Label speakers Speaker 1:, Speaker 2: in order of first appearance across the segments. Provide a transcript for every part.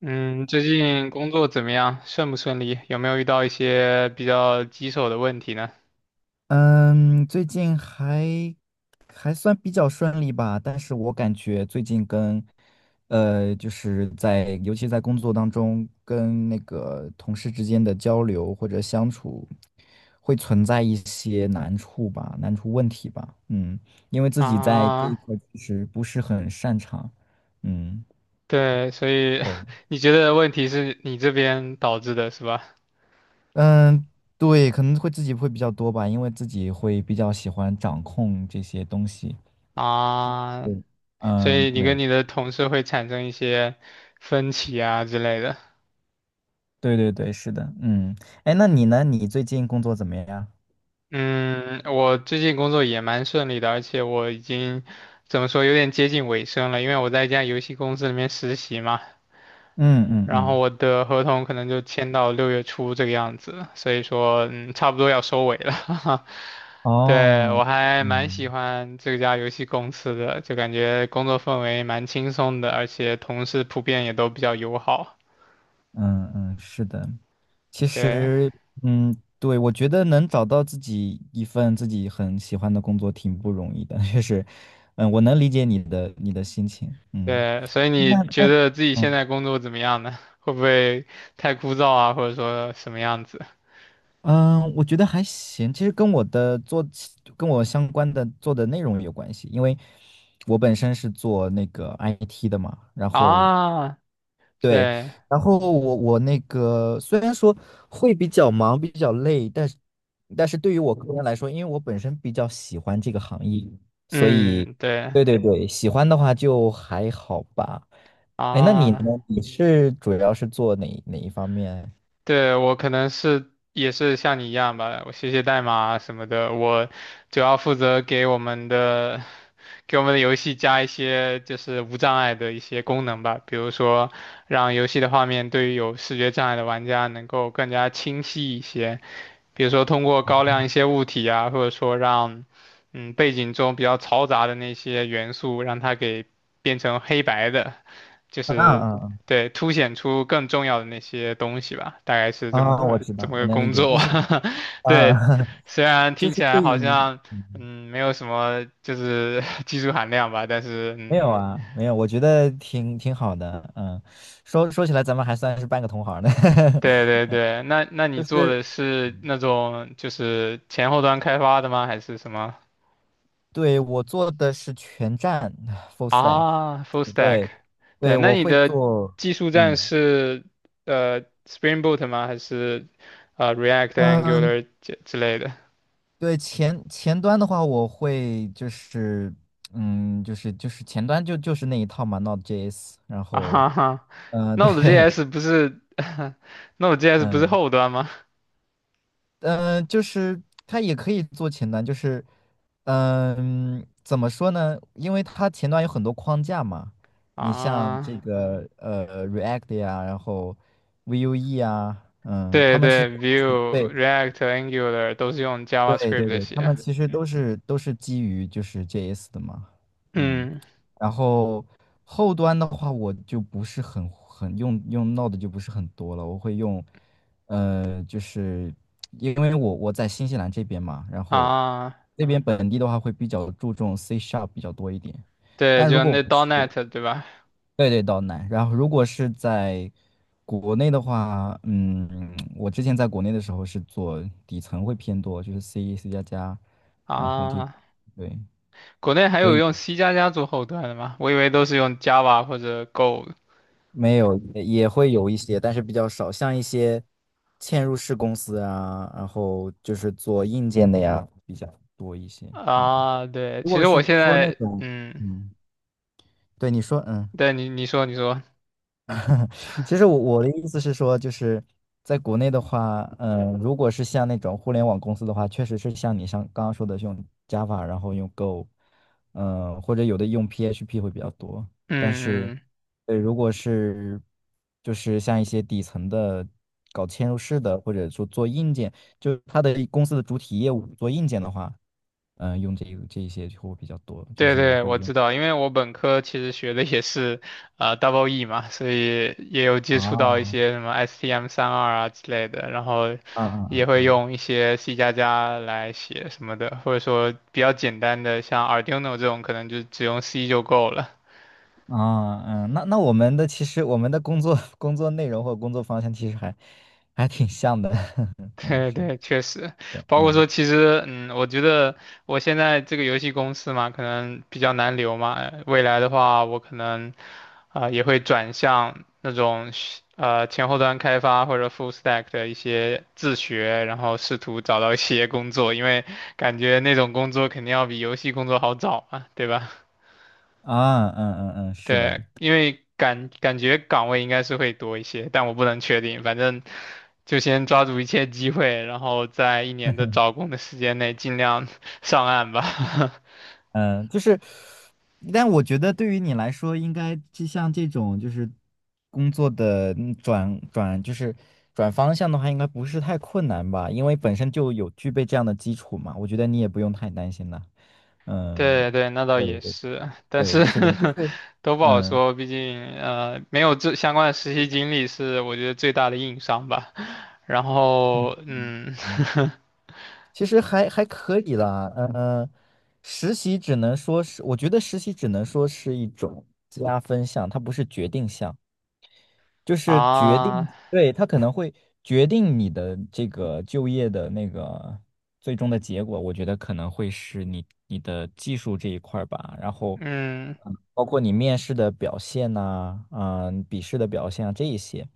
Speaker 1: 嗯，最近工作怎么样？顺不顺利？有没有遇到一些比较棘手的问题呢？
Speaker 2: 嗯，最近还算比较顺利吧，但是我感觉最近跟，就是在尤其在工作当中，跟那个同事之间的交流或者相处，会存在一些难处吧，难处问题吧，因为自己在这一
Speaker 1: 啊，
Speaker 2: 块儿其实不是很擅长，嗯。
Speaker 1: 对，所以
Speaker 2: 对的
Speaker 1: 你觉得问题是你这边导致的是吧？
Speaker 2: 嗯，对，可能会自己会比较多吧，因为自己会比较喜欢掌控这些东西。
Speaker 1: 啊，
Speaker 2: 对，
Speaker 1: 所
Speaker 2: 嗯，
Speaker 1: 以你跟
Speaker 2: 对。
Speaker 1: 你的同事会产生一些分歧啊之类的。
Speaker 2: 对对对，是的，嗯，哎，那你呢？你最近工作怎么样？
Speaker 1: 嗯，我最近工作也蛮顺利的，而且我已经怎么说，有点接近尾声了，因为我在一家游戏公司里面实习嘛。
Speaker 2: 嗯嗯
Speaker 1: 然后
Speaker 2: 嗯，
Speaker 1: 我的合同可能就签到6月初这个样子，所以说差不多要收尾了。对，我
Speaker 2: 哦，
Speaker 1: 还蛮喜
Speaker 2: 嗯
Speaker 1: 欢这家游戏公司的，就感觉工作氛围蛮轻松的，而且同事普遍也都比较友好。
Speaker 2: 嗯嗯，是的，其
Speaker 1: 对
Speaker 2: 实，嗯，对，我觉得能找到自己一份自己很喜欢的工作挺不容易的，确实，嗯，我能理解你的心情，嗯，
Speaker 1: 对，所以
Speaker 2: 那
Speaker 1: 你觉
Speaker 2: 那。
Speaker 1: 得自己现
Speaker 2: 嗯。
Speaker 1: 在工作怎么样呢？会不会太枯燥啊，或者说什么样子
Speaker 2: 嗯，我觉得还行。其实跟我的做起跟我相关的做的内容有关系，因为我本身是做那个 IT 的嘛，然后
Speaker 1: 啊？
Speaker 2: 对，
Speaker 1: 对，
Speaker 2: 然后我那个虽然说会比较忙，比较累，但是对于我个人来说，因为我本身比较喜欢这个行业，所以
Speaker 1: 嗯，对
Speaker 2: 对对对，喜欢的话就还好吧。哎，那你呢？
Speaker 1: 啊，
Speaker 2: 你是主要是做哪一方面？
Speaker 1: 对，我可能是也是像你一样吧，我写写代码啊什么的，我主要负责给我们的游戏加一些就是无障碍的一些功能吧，比如说让游戏的画面对于有视觉障碍的玩家能够更加清晰一些，比如说通过高亮一些物体啊，或者说让背景中比较嘈杂的那些元素让它给变成黑白的。就
Speaker 2: 啊
Speaker 1: 是
Speaker 2: 啊
Speaker 1: 对凸显出更重要的那些东西吧，大概是
Speaker 2: 啊！
Speaker 1: 这么
Speaker 2: 啊我
Speaker 1: 个
Speaker 2: 知道，我能理
Speaker 1: 工
Speaker 2: 解，
Speaker 1: 作。
Speaker 2: 就是 啊，
Speaker 1: 对，虽然
Speaker 2: 就
Speaker 1: 听
Speaker 2: 是
Speaker 1: 起来
Speaker 2: 对于。
Speaker 1: 好像
Speaker 2: 嗯
Speaker 1: 没有什么就是 技术含量吧，但是
Speaker 2: 没有啊，没有，我觉得挺好的，嗯，说起来，咱们还算是半个同行呢。
Speaker 1: 对对对，那你
Speaker 2: 就
Speaker 1: 做
Speaker 2: 是
Speaker 1: 的是那种就是前后端开发的吗？还是什么
Speaker 2: 对我做的是全站 full stack，
Speaker 1: 啊？Full stack，
Speaker 2: 对
Speaker 1: 对，
Speaker 2: 对，
Speaker 1: 那
Speaker 2: 我
Speaker 1: 你
Speaker 2: 会
Speaker 1: 的
Speaker 2: 做，
Speaker 1: 技术栈
Speaker 2: 嗯
Speaker 1: 是Spring Boot 吗？还是React、
Speaker 2: 嗯，
Speaker 1: Angular 之类的？
Speaker 2: 对前端的话，我会就是前端就是那一套嘛，Node.js，然
Speaker 1: 啊
Speaker 2: 后
Speaker 1: 哈哈
Speaker 2: 对
Speaker 1: Node.js 不是 Node.js 不是
Speaker 2: 嗯
Speaker 1: 后端吗？
Speaker 2: 就是它也可以做前端，就是，怎么说呢？因为它前端有很多框架嘛，你像
Speaker 1: 啊，
Speaker 2: 这个React 呀，然后 Vue 啊，嗯，
Speaker 1: 对
Speaker 2: 他们其实
Speaker 1: 对
Speaker 2: 都是
Speaker 1: ，Vue、
Speaker 2: 对
Speaker 1: React、Angular 都是用
Speaker 2: 对对
Speaker 1: JavaScript
Speaker 2: 对，他
Speaker 1: 写。
Speaker 2: 们其实都是基于就是 JS 的嘛，嗯，
Speaker 1: 嗯，
Speaker 2: 然后后端的话，我就不是很用 Node 就不是很多了，我会用，就是因为我在新西兰这边嘛，然后
Speaker 1: 啊，
Speaker 2: 那边本地的话会比较注重 C Sharp 比较多一点，
Speaker 1: 对，
Speaker 2: 但如
Speaker 1: 就
Speaker 2: 果
Speaker 1: 那 .NET 对吧？
Speaker 2: 对对，岛南。然后如果是在国内的话，嗯，我之前在国内的时候是做底层会偏多，就是 C、C 加加，然后这，
Speaker 1: 啊，
Speaker 2: 对，
Speaker 1: 国内还
Speaker 2: 所
Speaker 1: 有
Speaker 2: 以
Speaker 1: 用 C 加加做后端的吗？我以为都是用 Java 或者 Go
Speaker 2: 没有也会有一些，但是比较少，像一些嵌入式公司啊，然后就是做硬件的呀比较多一些。
Speaker 1: 的
Speaker 2: 嗯，
Speaker 1: 啊。对，
Speaker 2: 如
Speaker 1: 其
Speaker 2: 果
Speaker 1: 实
Speaker 2: 是
Speaker 1: 我现
Speaker 2: 说那
Speaker 1: 在，
Speaker 2: 种，
Speaker 1: 嗯，
Speaker 2: 嗯，对你说，嗯。
Speaker 1: 对你说你说，
Speaker 2: 其实我的意思是说，就是在国内的话，如果是像那种互联网公司的话，确实是像你像刚刚说的是用 Java，然后用 Go，或者有的用 PHP 会比较多。但
Speaker 1: 嗯
Speaker 2: 是，
Speaker 1: 嗯。
Speaker 2: 如果是就是像一些底层的搞嵌入式的，或者说做硬件，就是它的公司的主体业务做硬件的话，用这个这一些就会比较多，就
Speaker 1: 对
Speaker 2: 是
Speaker 1: 对，
Speaker 2: 会
Speaker 1: 我
Speaker 2: 用
Speaker 1: 知道，因为我本科其实学的也是Double E 嘛，所以也有
Speaker 2: 啊，
Speaker 1: 接触到一
Speaker 2: 嗯
Speaker 1: 些什么 STM32啊之类的，然后
Speaker 2: 嗯
Speaker 1: 也
Speaker 2: 嗯
Speaker 1: 会
Speaker 2: 嗯。
Speaker 1: 用一些 C 加加来写什么的，或者说比较简单的像 Arduino 这种，可能就只用 C 就够了。
Speaker 2: 啊，嗯，那我们的其实我们的工作 工作内容或工作方向其实还挺像的，嗯，
Speaker 1: 对
Speaker 2: 是，
Speaker 1: 对，确实，包括
Speaker 2: 嗯，
Speaker 1: 说，其实，嗯，我觉得我现在这个游戏公司嘛，可能比较难留嘛。未来的话，我可能，啊、也会转向那种是前后端开发或者 full stack 的一些自学，然后试图找到一些工作，因为感觉那种工作肯定要比游戏工作好找嘛，对吧？
Speaker 2: 啊，嗯嗯嗯，是
Speaker 1: 对，
Speaker 2: 的，
Speaker 1: 因为感觉岗位应该是会多一些，但我不能确定。反正就先抓住一切机会，然后在一年的找工的时间内尽量 上岸吧。
Speaker 2: 嗯，就是，但我觉得对于你来说，应该就像这种就是工作的转就是转方向的话，应该不是太困难吧？因为本身就有具备这样的基础嘛，我觉得你也不用太担心了，嗯，
Speaker 1: 对对，那倒
Speaker 2: 对
Speaker 1: 也
Speaker 2: 对
Speaker 1: 是，但
Speaker 2: 对，
Speaker 1: 是
Speaker 2: 是的，就是，
Speaker 1: 都不好
Speaker 2: 嗯
Speaker 1: 说，毕竟没有这相关的实习经历是我觉得最大的硬伤吧。然
Speaker 2: 嗯
Speaker 1: 后
Speaker 2: 嗯。嗯其实还可以啦，实习只能说是，我觉得实习只能说是一种加分项，它不是决定项。就 是决定，
Speaker 1: 啊
Speaker 2: 对，他可能会决定你的这个就业的那个最终的结果，我觉得可能会是你的技术这一块儿吧，然后，
Speaker 1: 嗯
Speaker 2: 嗯，包括你面试的表现呐、笔试的表现啊这一些，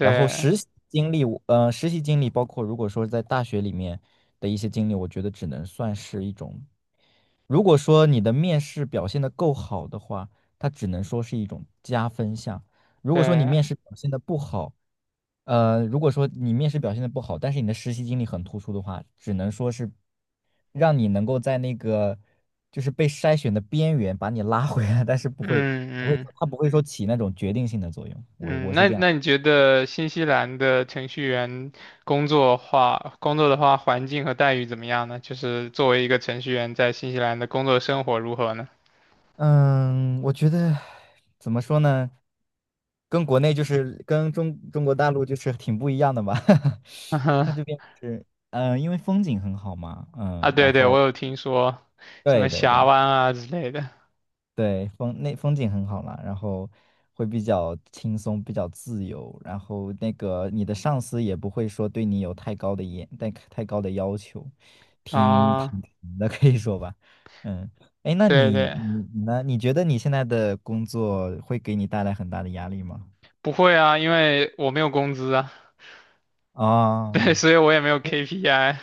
Speaker 2: 然后实习经历包括如果说在大学里面的一些经历，我觉得只能算是一种。如果说你的面试表现的够好的话，它只能说是一种加分项。如果说你面
Speaker 1: 对
Speaker 2: 试表现的不好，呃，如果说你面试表现的不好，但是你的实习经历很突出的话，只能说是让你能够在那个就是被筛选的边缘把你拉回来，但是不
Speaker 1: 嗯
Speaker 2: 会不会，
Speaker 1: 嗯。
Speaker 2: 它不会说起那种决定性的作用。我
Speaker 1: 嗯，
Speaker 2: 我是
Speaker 1: 那
Speaker 2: 这样。
Speaker 1: 那你觉得新西兰的程序员工作的话，环境和待遇怎么样呢？就是作为一个程序员在新西兰的工作生活如何呢？
Speaker 2: 嗯，我觉得怎么说呢，跟国内就是跟中国大陆就是挺不一样的吧。
Speaker 1: 嗯
Speaker 2: 它
Speaker 1: 哼
Speaker 2: 这边就是，因为风景很好嘛，
Speaker 1: 啊，
Speaker 2: 嗯，然
Speaker 1: 对对，我
Speaker 2: 后
Speaker 1: 有听说什么
Speaker 2: 对对
Speaker 1: 峡
Speaker 2: 对。
Speaker 1: 湾啊之类的
Speaker 2: 对，风景很好啦，然后会比较轻松，比较自由，然后那个你的上司也不会说对你有太高的严、太高的要求，挺坦
Speaker 1: 啊，
Speaker 2: 诚的可以说吧。嗯，哎，那
Speaker 1: 对
Speaker 2: 你
Speaker 1: 对，
Speaker 2: 你你呢？你觉得你现在的工作会给你带来很大的压力吗？
Speaker 1: 不会啊，因为我没有工资啊，对，
Speaker 2: 啊
Speaker 1: 所以我也没有 KPI，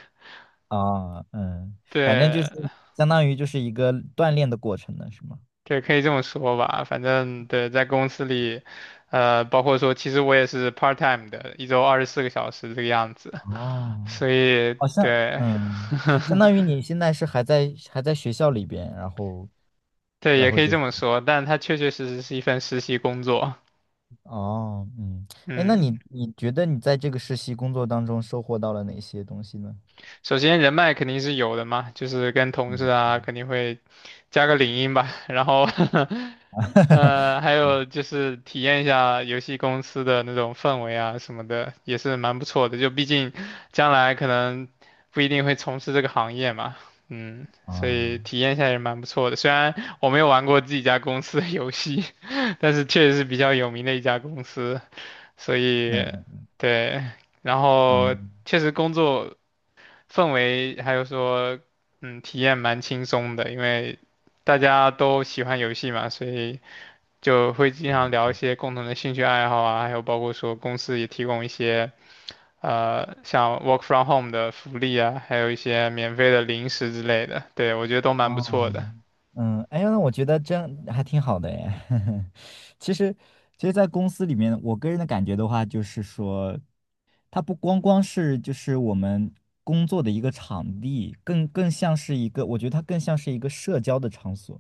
Speaker 2: 啊，嗯，反正就是
Speaker 1: 对
Speaker 2: 相当于就是一个锻炼的过程呢，是吗？
Speaker 1: 对，可以这么说吧，反正对，在公司里，包括说，其实我也是 part time 的，一周24个小时这个样子。
Speaker 2: 哦
Speaker 1: 所以
Speaker 2: 好像，
Speaker 1: 对，
Speaker 2: 相 当于你现在是还在学校里边，然后
Speaker 1: 对，也可以
Speaker 2: 就
Speaker 1: 这
Speaker 2: 是
Speaker 1: 么说，但它确确实实是一份实习工作。
Speaker 2: 哦，嗯，哎，那
Speaker 1: 嗯，
Speaker 2: 你觉得你在这个实习工作当中收获到了哪些东西呢？
Speaker 1: 首先人脉肯定是有的嘛，就是跟同事
Speaker 2: 嗯
Speaker 1: 啊肯定会加个领英吧，然后 还有就是体验一下游戏公司的那种氛围啊什么的，也是蛮不错的。就毕竟将来可能不一定会从事这个行业嘛，嗯，所以
Speaker 2: 啊，
Speaker 1: 体验一下也蛮不错的。虽然我没有玩过自己家公司的游戏，但是确实是比较有名的一家公司，所以对，然
Speaker 2: 嗯
Speaker 1: 后
Speaker 2: 嗯
Speaker 1: 确实工作。氛围还有说，嗯，体验蛮轻松的，因为大家都喜欢游戏嘛，所以就会经常
Speaker 2: 啊。
Speaker 1: 聊一些共同的兴趣爱好啊，还有包括说公司也提供一些像 work from home 的福利啊，还有一些免费的零食之类的，对，我觉得都蛮不错
Speaker 2: 哦，
Speaker 1: 的。
Speaker 2: 嗯，哎呀，那我觉得这样还挺好的哎。其实，其实，在公司里面，我个人的感觉的话，就是说，它不光是就是我们工作的一个场地，更像是一个，我觉得它更像是一个社交的场所。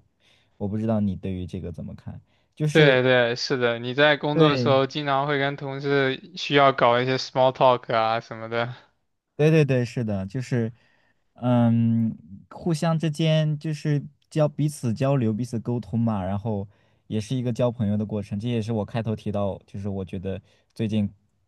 Speaker 2: 我不知道你对于这个怎么看？就是
Speaker 1: 对对，是的，你在工作的时
Speaker 2: 对
Speaker 1: 候经常会跟同事需要搞一些 small talk 啊什么的。
Speaker 2: 对对对，是的，就是，嗯，互相之间就是彼此交流、彼此沟通嘛，然后也是一个交朋友的过程。这也是我开头提到，就是我觉得最近，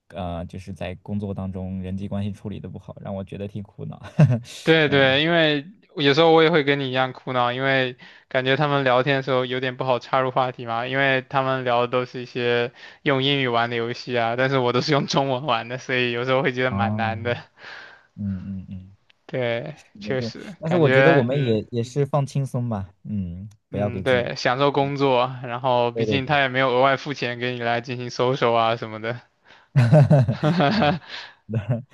Speaker 2: 就是在工作当中人际关系处理的不好，让我觉得挺苦恼。
Speaker 1: 对对，因为有时候我也会跟你一样苦恼，因为感觉他们聊天的时候有点不好插入话题嘛，因为他们聊的都是一些用英语玩的游戏啊，但是我都是用中文玩的，所以有时候会觉得蛮
Speaker 2: 哦，
Speaker 1: 难的。
Speaker 2: 嗯嗯嗯，
Speaker 1: 对，
Speaker 2: 那
Speaker 1: 确
Speaker 2: 就，
Speaker 1: 实
Speaker 2: 但是
Speaker 1: 感
Speaker 2: 我觉得我
Speaker 1: 觉
Speaker 2: 们也是放轻松吧，嗯，不要
Speaker 1: 嗯，
Speaker 2: 给自己，
Speaker 1: 对，享受工作，然后毕
Speaker 2: 对对
Speaker 1: 竟他
Speaker 2: 对，
Speaker 1: 也没有额外付钱给你来进行搜索啊什么的，
Speaker 2: 那，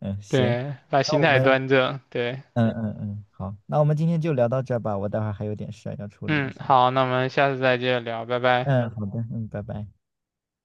Speaker 2: 嗯，行，
Speaker 1: 对，把
Speaker 2: 那
Speaker 1: 心
Speaker 2: 我
Speaker 1: 态
Speaker 2: 们。
Speaker 1: 端正，对，
Speaker 2: 嗯嗯嗯，好，那我们今天就聊到这儿吧，我待会儿还有点事儿要处理一
Speaker 1: 嗯，
Speaker 2: 下。
Speaker 1: 好，那我们下次再接着聊，拜拜。
Speaker 2: 嗯，好的，嗯，拜拜。